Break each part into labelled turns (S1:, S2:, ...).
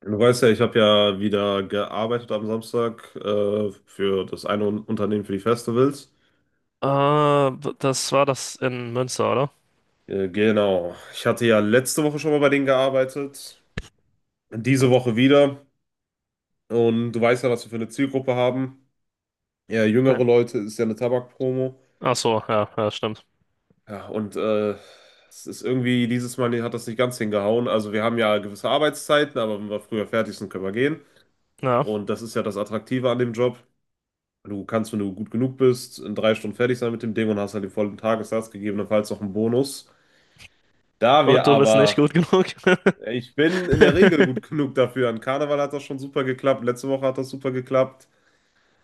S1: Du weißt ja, ich habe ja wieder gearbeitet am Samstag für das eine Unternehmen für die Festivals.
S2: Das war das in Münster, oder?
S1: Genau. Ich hatte ja letzte Woche schon mal bei denen gearbeitet, diese Woche wieder. Und du weißt ja, was wir für eine Zielgruppe haben. Ja, jüngere
S2: Ja.
S1: Leute ist ja eine Tabakpromo.
S2: Ach so, ja, ja, stimmt.
S1: Ja, und es ist irgendwie, dieses Mal hat das nicht ganz hingehauen. Also wir haben ja gewisse Arbeitszeiten, aber wenn wir früher fertig sind, können wir gehen.
S2: Ja.
S1: Und das ist ja das Attraktive an dem Job. Du kannst, wenn du gut genug bist, in 3 Stunden fertig sein mit dem Ding und hast halt den vollen Tagessatz, gegebenenfalls noch einen Bonus. Da wir
S2: Und du bist nicht
S1: aber,
S2: gut genug.
S1: ja, ich bin in der Regel gut genug dafür. An Karneval hat das schon super geklappt, letzte Woche hat das super geklappt.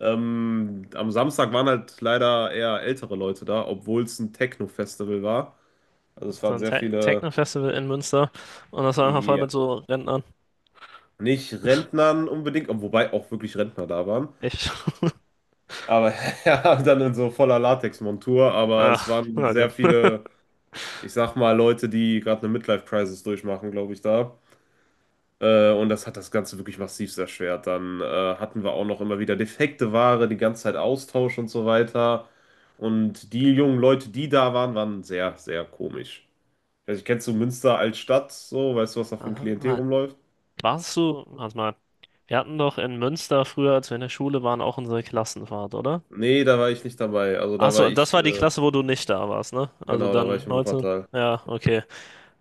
S1: Am Samstag waren halt leider eher ältere Leute da, obwohl es ein Techno-Festival war. Also es
S2: So
S1: waren
S2: ein
S1: sehr
S2: Te
S1: viele,
S2: Techno-Festival in Münster. Und das war einfach voll
S1: ja,
S2: mit so Rentnern.
S1: nicht Rentnern unbedingt, wobei auch wirklich Rentner da waren.
S2: Ich.
S1: Aber ja, dann in so voller Latexmontur, aber es
S2: Ach,
S1: waren
S2: oh
S1: sehr
S2: Gott.
S1: viele. Ich sag mal, Leute, die gerade eine Midlife-Crisis durchmachen, glaube ich, da. Und das hat das Ganze wirklich massiv erschwert. Dann hatten wir auch noch immer wieder defekte Ware, die ganze Zeit Austausch und so weiter. Und die jungen Leute, die da waren, waren sehr, sehr komisch. Also, kennst du Münster als Stadt so? Weißt du, was da für ein
S2: Aha,
S1: Klientel
S2: Mann.
S1: rumläuft?
S2: Warst du, warte mal, wir hatten doch in Münster früher, als wir in der Schule waren, auch unsere Klassenfahrt, oder?
S1: Nee, da war ich nicht dabei. Also,
S2: Ach
S1: da war
S2: so, das
S1: ich,
S2: war die Klasse, wo du nicht da warst, ne? Also
S1: genau, da war
S2: dann
S1: ich in
S2: 19.
S1: Wuppertal.
S2: Ja, okay.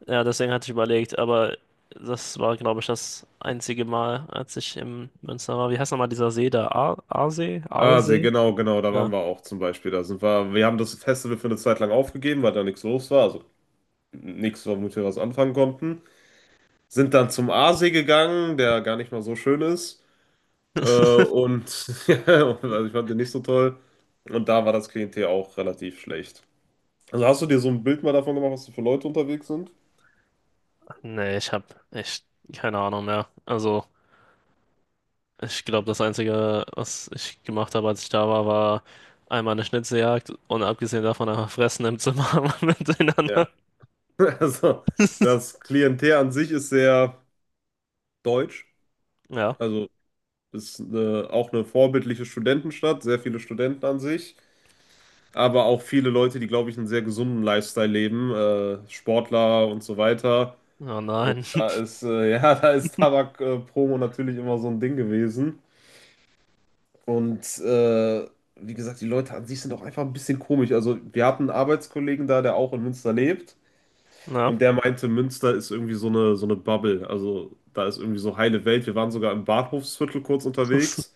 S2: Ja, deswegen hatte ich überlegt, aber das war, glaube ich, das einzige Mal, als ich im Münster war. Wie heißt nochmal dieser See da? Aasee?
S1: Ah, sehr
S2: Aalsee?
S1: genau, genau, da waren
S2: Ja.
S1: wir auch zum Beispiel. Da sind wir, wir haben das Festival für eine Zeit lang aufgegeben, weil da nichts los war. Also nichts, womit wir was anfangen konnten. Sind dann zum Aasee gegangen, der gar nicht mal so schön ist. Äh, und ja, also ich fand den nicht so toll. Und da war das Klientel auch relativ schlecht. Also hast du dir so ein Bild mal davon gemacht, was da für Leute unterwegs sind?
S2: Nee, ich habe echt keine Ahnung mehr. Also, ich glaube, das Einzige, was ich gemacht habe, als ich da war, war einmal eine Schnitzeljagd und abgesehen davon einfach fressen im Zimmer
S1: Ja.
S2: miteinander.
S1: Also das Klientel an sich ist sehr deutsch.
S2: Ja.
S1: Also ist eine, auch eine vorbildliche Studentenstadt, sehr viele Studenten an sich. Aber auch viele Leute, die, glaube ich, einen sehr gesunden Lifestyle leben, Sportler und so weiter.
S2: Oh
S1: Und
S2: nein.
S1: da ist, ja, da ist Tabak-Promo natürlich immer so ein Ding gewesen. Und wie gesagt, die Leute an sich sind auch einfach ein bisschen komisch. Also, wir hatten einen Arbeitskollegen da, der auch in Münster lebt.
S2: Ja.
S1: Und der meinte, Münster ist irgendwie so eine Bubble. Also, da ist irgendwie so heile Welt. Wir waren sogar im Bahnhofsviertel kurz unterwegs.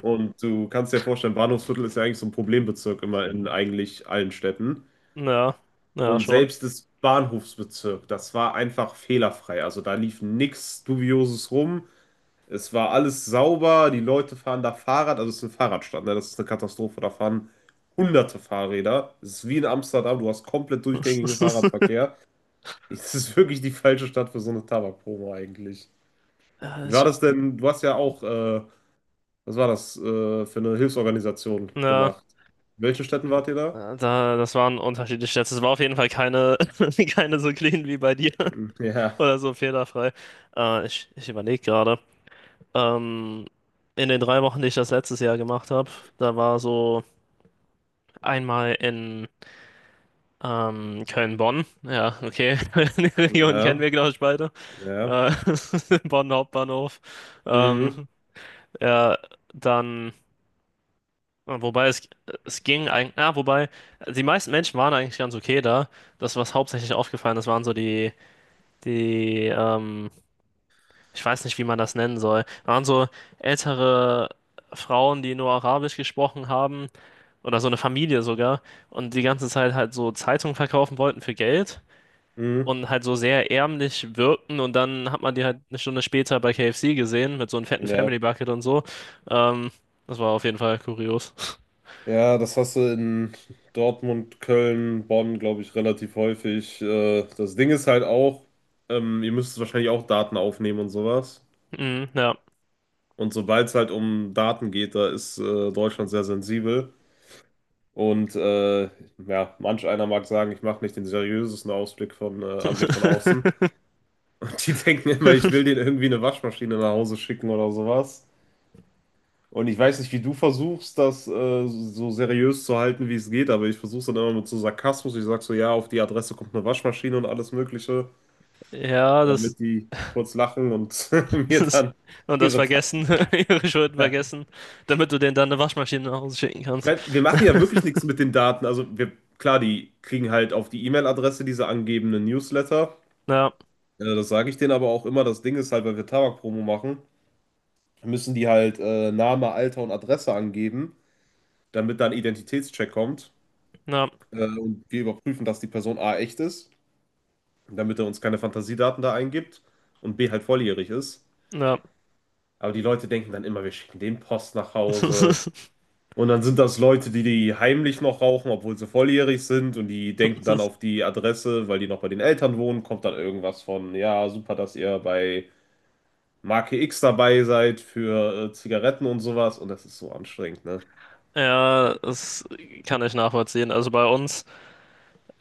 S1: Und du kannst dir vorstellen, Bahnhofsviertel ist ja eigentlich so ein Problembezirk immer in eigentlich allen Städten.
S2: Ja. Ja,
S1: Und
S2: schon.
S1: selbst das Bahnhofsbezirk, das war einfach fehlerfrei. Also, da lief nichts Dubioses rum. Es war alles sauber, die Leute fahren da Fahrrad, also es ist eine Fahrradstadt, ne? Das ist eine Katastrophe, da fahren hunderte Fahrräder. Es ist wie in Amsterdam, du hast komplett durchgängigen Fahrradverkehr. Es ist wirklich die falsche Stadt für so eine Tabakpromo eigentlich.
S2: Ja,
S1: Wie war
S2: ich,
S1: das denn? Du hast ja auch, was war das, für eine Hilfsorganisation
S2: ja.
S1: gemacht? In welchen Städten wart ihr da?
S2: Das waren unterschiedliche Stats. Es war auf jeden Fall keine, keine so clean wie bei dir
S1: Hm, ja,
S2: oder so fehlerfrei. Ich überlege gerade. Ähm, in den drei Wochen, die ich das letztes Jahr gemacht habe, da war so einmal in Köln-Bonn. Ja, okay. Die Region kennen
S1: ja,
S2: wir, glaube ich, beide.
S1: ja,
S2: Äh, Bonn Hauptbahnhof. Ähm,
S1: hm,
S2: ja, dann. Ja, Wobei es, Es ging eigentlich, ja, wobei die meisten Menschen waren eigentlich ganz okay da. Das, was hauptsächlich aufgefallen ist, waren so die, ähm, ich weiß nicht, wie man das nennen soll, waren so ältere Frauen, die nur Arabisch gesprochen haben oder so eine Familie sogar und die ganze Zeit halt so Zeitungen verkaufen wollten für Geld
S1: hm,
S2: und halt so sehr ärmlich wirkten und dann hat man die halt eine Stunde später bei KFC gesehen mit so einem fetten
S1: ja.
S2: Family Bucket und so. Ähm, Das war auf jeden Fall kurios.
S1: Ja, das hast du in Dortmund, Köln, Bonn, glaube ich, relativ häufig. Das Ding ist halt auch, ihr müsst wahrscheinlich auch Daten aufnehmen und sowas.
S2: Mhm, ja.
S1: Und sobald es halt um Daten geht, da ist Deutschland sehr sensibel. Und ja, manch einer mag sagen, ich mache nicht den seriösesten Ausblick von, Anblick von außen. Die denken immer, ich will denen irgendwie eine Waschmaschine nach Hause schicken oder sowas. Und ich weiß nicht, wie du versuchst, das so seriös zu halten, wie es geht, aber ich versuche es dann immer mit so Sarkasmus. Ich sage so, ja, auf die Adresse kommt eine Waschmaschine und alles Mögliche,
S2: Ja, das,
S1: damit die kurz lachen und mir
S2: Das
S1: dann
S2: und das
S1: ihre
S2: vergessen, ihre Schulden
S1: Daten.
S2: vergessen, damit du denen dann eine Waschmaschine nach Hause schicken
S1: Ich
S2: kannst.
S1: meine, wir machen ja wirklich nichts mit den Daten. Also wir, klar, die kriegen halt auf die E-Mail-Adresse diese angebenden Newsletter.
S2: Ja,
S1: Das sage ich denen aber auch immer. Das Ding ist halt, weil wir Tabakpromo machen, müssen die halt Name, Alter und Adresse angeben, damit dann Identitätscheck kommt.
S2: ja,
S1: Und wir überprüfen, dass die Person A echt ist, damit er uns keine Fantasiedaten da eingibt und B halt volljährig ist.
S2: ja.
S1: Aber die Leute denken dann immer, wir schicken den Post nach Hause. Und dann sind das Leute, die die heimlich noch rauchen, obwohl sie volljährig sind, und die denken dann, auf die Adresse, weil die noch bei den Eltern wohnen, kommt dann irgendwas von, ja, super, dass ihr bei Marke X dabei seid für Zigaretten und sowas, und das ist so anstrengend, ne?
S2: Ja, das kann ich nachvollziehen. Also bei uns,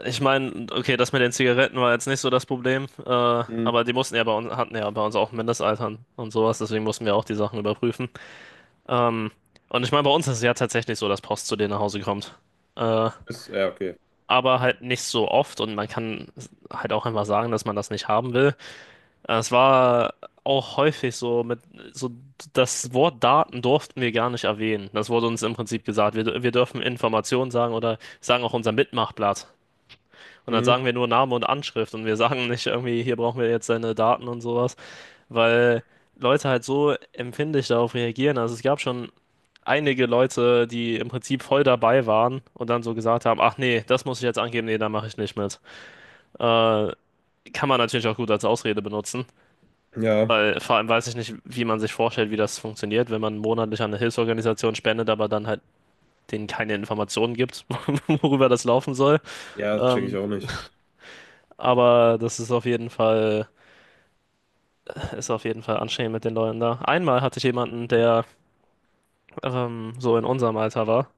S2: ich meine, okay, das mit den Zigaretten war jetzt nicht so das Problem,
S1: Hm.
S2: aber die mussten ja bei uns, hatten ja bei uns auch ein Mindestalter und sowas, deswegen mussten wir auch die Sachen überprüfen. Ähm, und ich meine, bei uns ist es ja tatsächlich so, dass Post zu denen nach Hause kommt. Äh,
S1: Ist, ja, okay.
S2: aber halt nicht so oft und man kann halt auch einfach sagen, dass man das nicht haben will. Es war auch häufig so mit so, das Wort Daten durften wir gar nicht erwähnen. Das wurde uns im Prinzip gesagt. Wir dürfen Informationen sagen oder sagen auch unser Mitmachblatt. Und dann sagen
S1: Hm.
S2: wir nur Name und Anschrift und wir sagen nicht irgendwie, hier brauchen wir jetzt deine Daten und sowas, weil Leute halt so empfindlich darauf reagieren. Also es gab schon einige Leute, die im Prinzip voll dabei waren und dann so gesagt haben, ach nee, das muss ich jetzt angeben, nee, da mache ich nicht mit. Äh, Kann man natürlich auch gut als Ausrede benutzen,
S1: Ja,
S2: weil vor allem weiß ich nicht, wie man sich vorstellt, wie das funktioniert, wenn man monatlich an eine Hilfsorganisation spendet, aber dann halt denen keine Informationen gibt, worüber das laufen soll.
S1: ja, das check ich
S2: Ähm,
S1: auch nicht.
S2: aber das ist auf jeden Fall, ist auf jeden Fall anstrengend mit den Leuten da. Einmal hatte ich jemanden, der so in unserem Alter war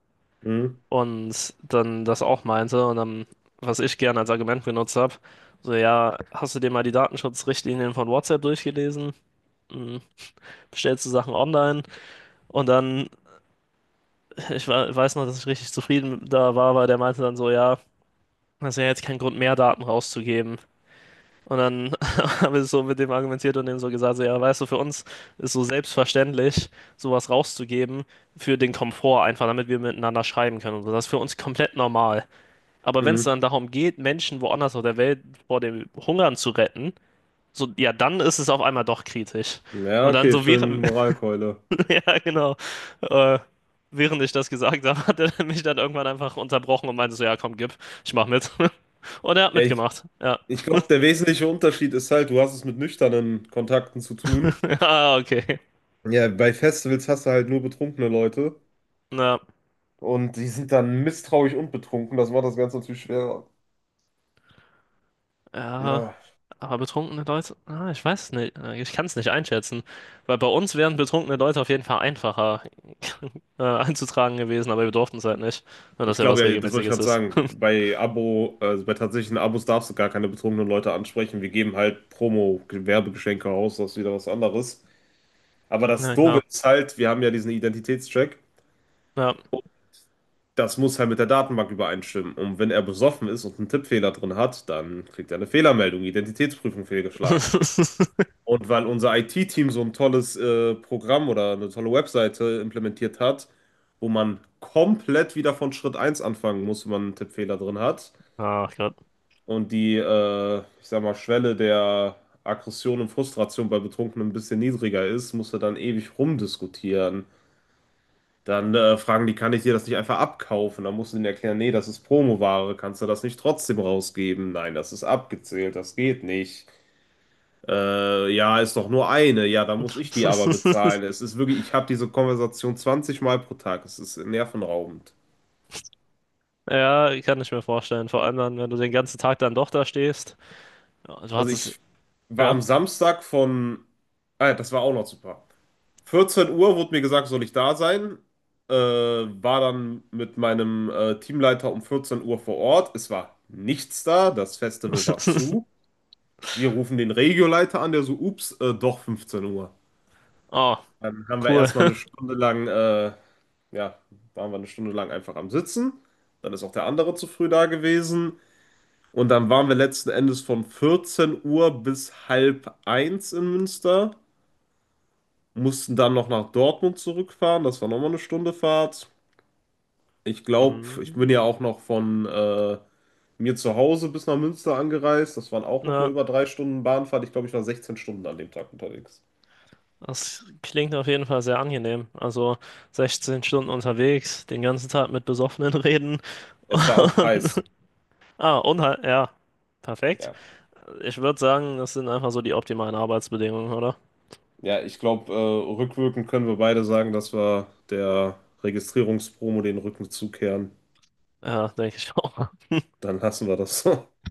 S1: Hm.
S2: und dann das auch meinte und dann, was ich gerne als Argument benutzt habe, so ja, hast du dir mal die Datenschutzrichtlinien von WhatsApp durchgelesen? Hm, bestellst du Sachen online und dann, weiß noch, dass ich richtig zufrieden da war, weil der meinte dann so, ja, das ist ja jetzt kein Grund mehr, Daten rauszugeben. Und dann habe ich so mit dem argumentiert und dem so gesagt, so, ja, weißt du, für uns ist so selbstverständlich, sowas rauszugeben für den Komfort einfach, damit wir miteinander schreiben können und so. Das ist für uns komplett normal. Aber wenn es
S1: Hm.
S2: dann darum geht, Menschen woanders auf der Welt vor dem Hungern zu retten, so, ja, dann ist es auf einmal doch kritisch.
S1: Ja,
S2: Und dann
S1: okay,
S2: so
S1: schön
S2: während,
S1: Moralkeule.
S2: Ja, genau. Äh, Während ich das gesagt habe, hat er mich dann irgendwann einfach unterbrochen und meinte so, ja, komm, gib, ich mach mit. Und er hat
S1: Ja, ich,
S2: mitgemacht. Ja.
S1: ich glaube, der wesentliche Unterschied ist halt, du hast es mit nüchternen Kontakten zu tun.
S2: Ah, okay.
S1: Ja, bei Festivals hast du halt nur betrunkene Leute,
S2: Na,
S1: und die sind dann misstrauisch und betrunken. Das macht das Ganze natürlich schwerer.
S2: ja.
S1: Ja.
S2: Aber betrunkene Leute, ah, ich weiß es nicht. Ich kann es nicht einschätzen. Weil bei uns wären betrunkene Leute auf jeden Fall einfacher einzutragen gewesen, aber wir durften es halt nicht. Nur, dass
S1: Ich
S2: ja was
S1: glaube ja, das wollte ich
S2: Regelmäßiges
S1: gerade
S2: ist.
S1: sagen. Bei Abo, also bei tatsächlichen Abos darfst du gar keine betrunkenen Leute ansprechen. Wir geben halt Promo-Werbegeschenke raus, das ist wieder was anderes. Aber das
S2: Ja,
S1: Doofe
S2: klar.
S1: ist halt, wir haben ja diesen Identitätscheck.
S2: Ja.
S1: Das muss halt mit der Datenbank übereinstimmen. Und wenn er besoffen ist und einen Tippfehler drin hat, dann kriegt er eine Fehlermeldung, Identitätsprüfung fehlgeschlagen. Und weil unser IT-Team so ein tolles Programm oder eine tolle Webseite implementiert hat, wo man komplett wieder von Schritt eins anfangen muss, wenn man einen Tippfehler drin hat,
S2: Ach Gott.
S1: und die, ich sag mal, Schwelle der Aggression und Frustration bei Betrunkenen ein bisschen niedriger ist, muss er dann ewig rumdiskutieren. Dann fragen die, kann ich dir das nicht einfach abkaufen? Dann musst du denen erklären, nee, das ist Promoware, kannst du das nicht trotzdem rausgeben? Nein, das ist abgezählt, das geht nicht. Ja, ist doch nur eine, ja, dann muss ich die aber bezahlen. Es ist wirklich, ich habe diese Konversation 20 Mal pro Tag, es ist nervenraubend.
S2: Ja, kann ich mir vorstellen. Vor allem dann, wenn du den ganzen Tag dann doch da stehst. Ja, Du
S1: Also
S2: hattest,
S1: ich war
S2: ja.
S1: am Samstag von, ah, ja, das war auch noch super. 14 Uhr wurde mir gesagt, soll ich da sein. War dann mit meinem Teamleiter um 14 Uhr vor Ort. Es war nichts da, das Festival war zu. Wir rufen den Regioleiter an, der so, ups, doch 15 Uhr.
S2: Oh,
S1: Dann haben wir
S2: cool.
S1: erstmal eine Stunde lang, ja, waren wir eine Stunde lang einfach am Sitzen. Dann ist auch der andere zu früh da gewesen. Und dann waren wir letzten Endes von 14 Uhr bis halb eins in Münster, mussten dann noch nach Dortmund zurückfahren. Das war nochmal eine Stunde Fahrt. Ich glaube, ich bin
S2: Mhm.
S1: ja auch noch von mir zu Hause bis nach Münster angereist. Das waren auch noch mal
S2: Ja,
S1: über 3 Stunden Bahnfahrt. Ich glaube, ich war 16 Stunden an dem Tag unterwegs.
S2: das klingt auf jeden Fall sehr angenehm. Also 16 Stunden unterwegs, den ganzen Tag mit Besoffenen reden.
S1: Es war auch
S2: Und,
S1: heiß.
S2: ah, und halt, ja, perfekt.
S1: Ja,
S2: Ich würde sagen, das sind einfach so die optimalen Arbeitsbedingungen, oder?
S1: ja, ich glaube, rückwirkend können wir beide sagen, dass wir der Registrierungspromo den Rücken zukehren.
S2: Ja, denke ich auch.
S1: Dann lassen wir das.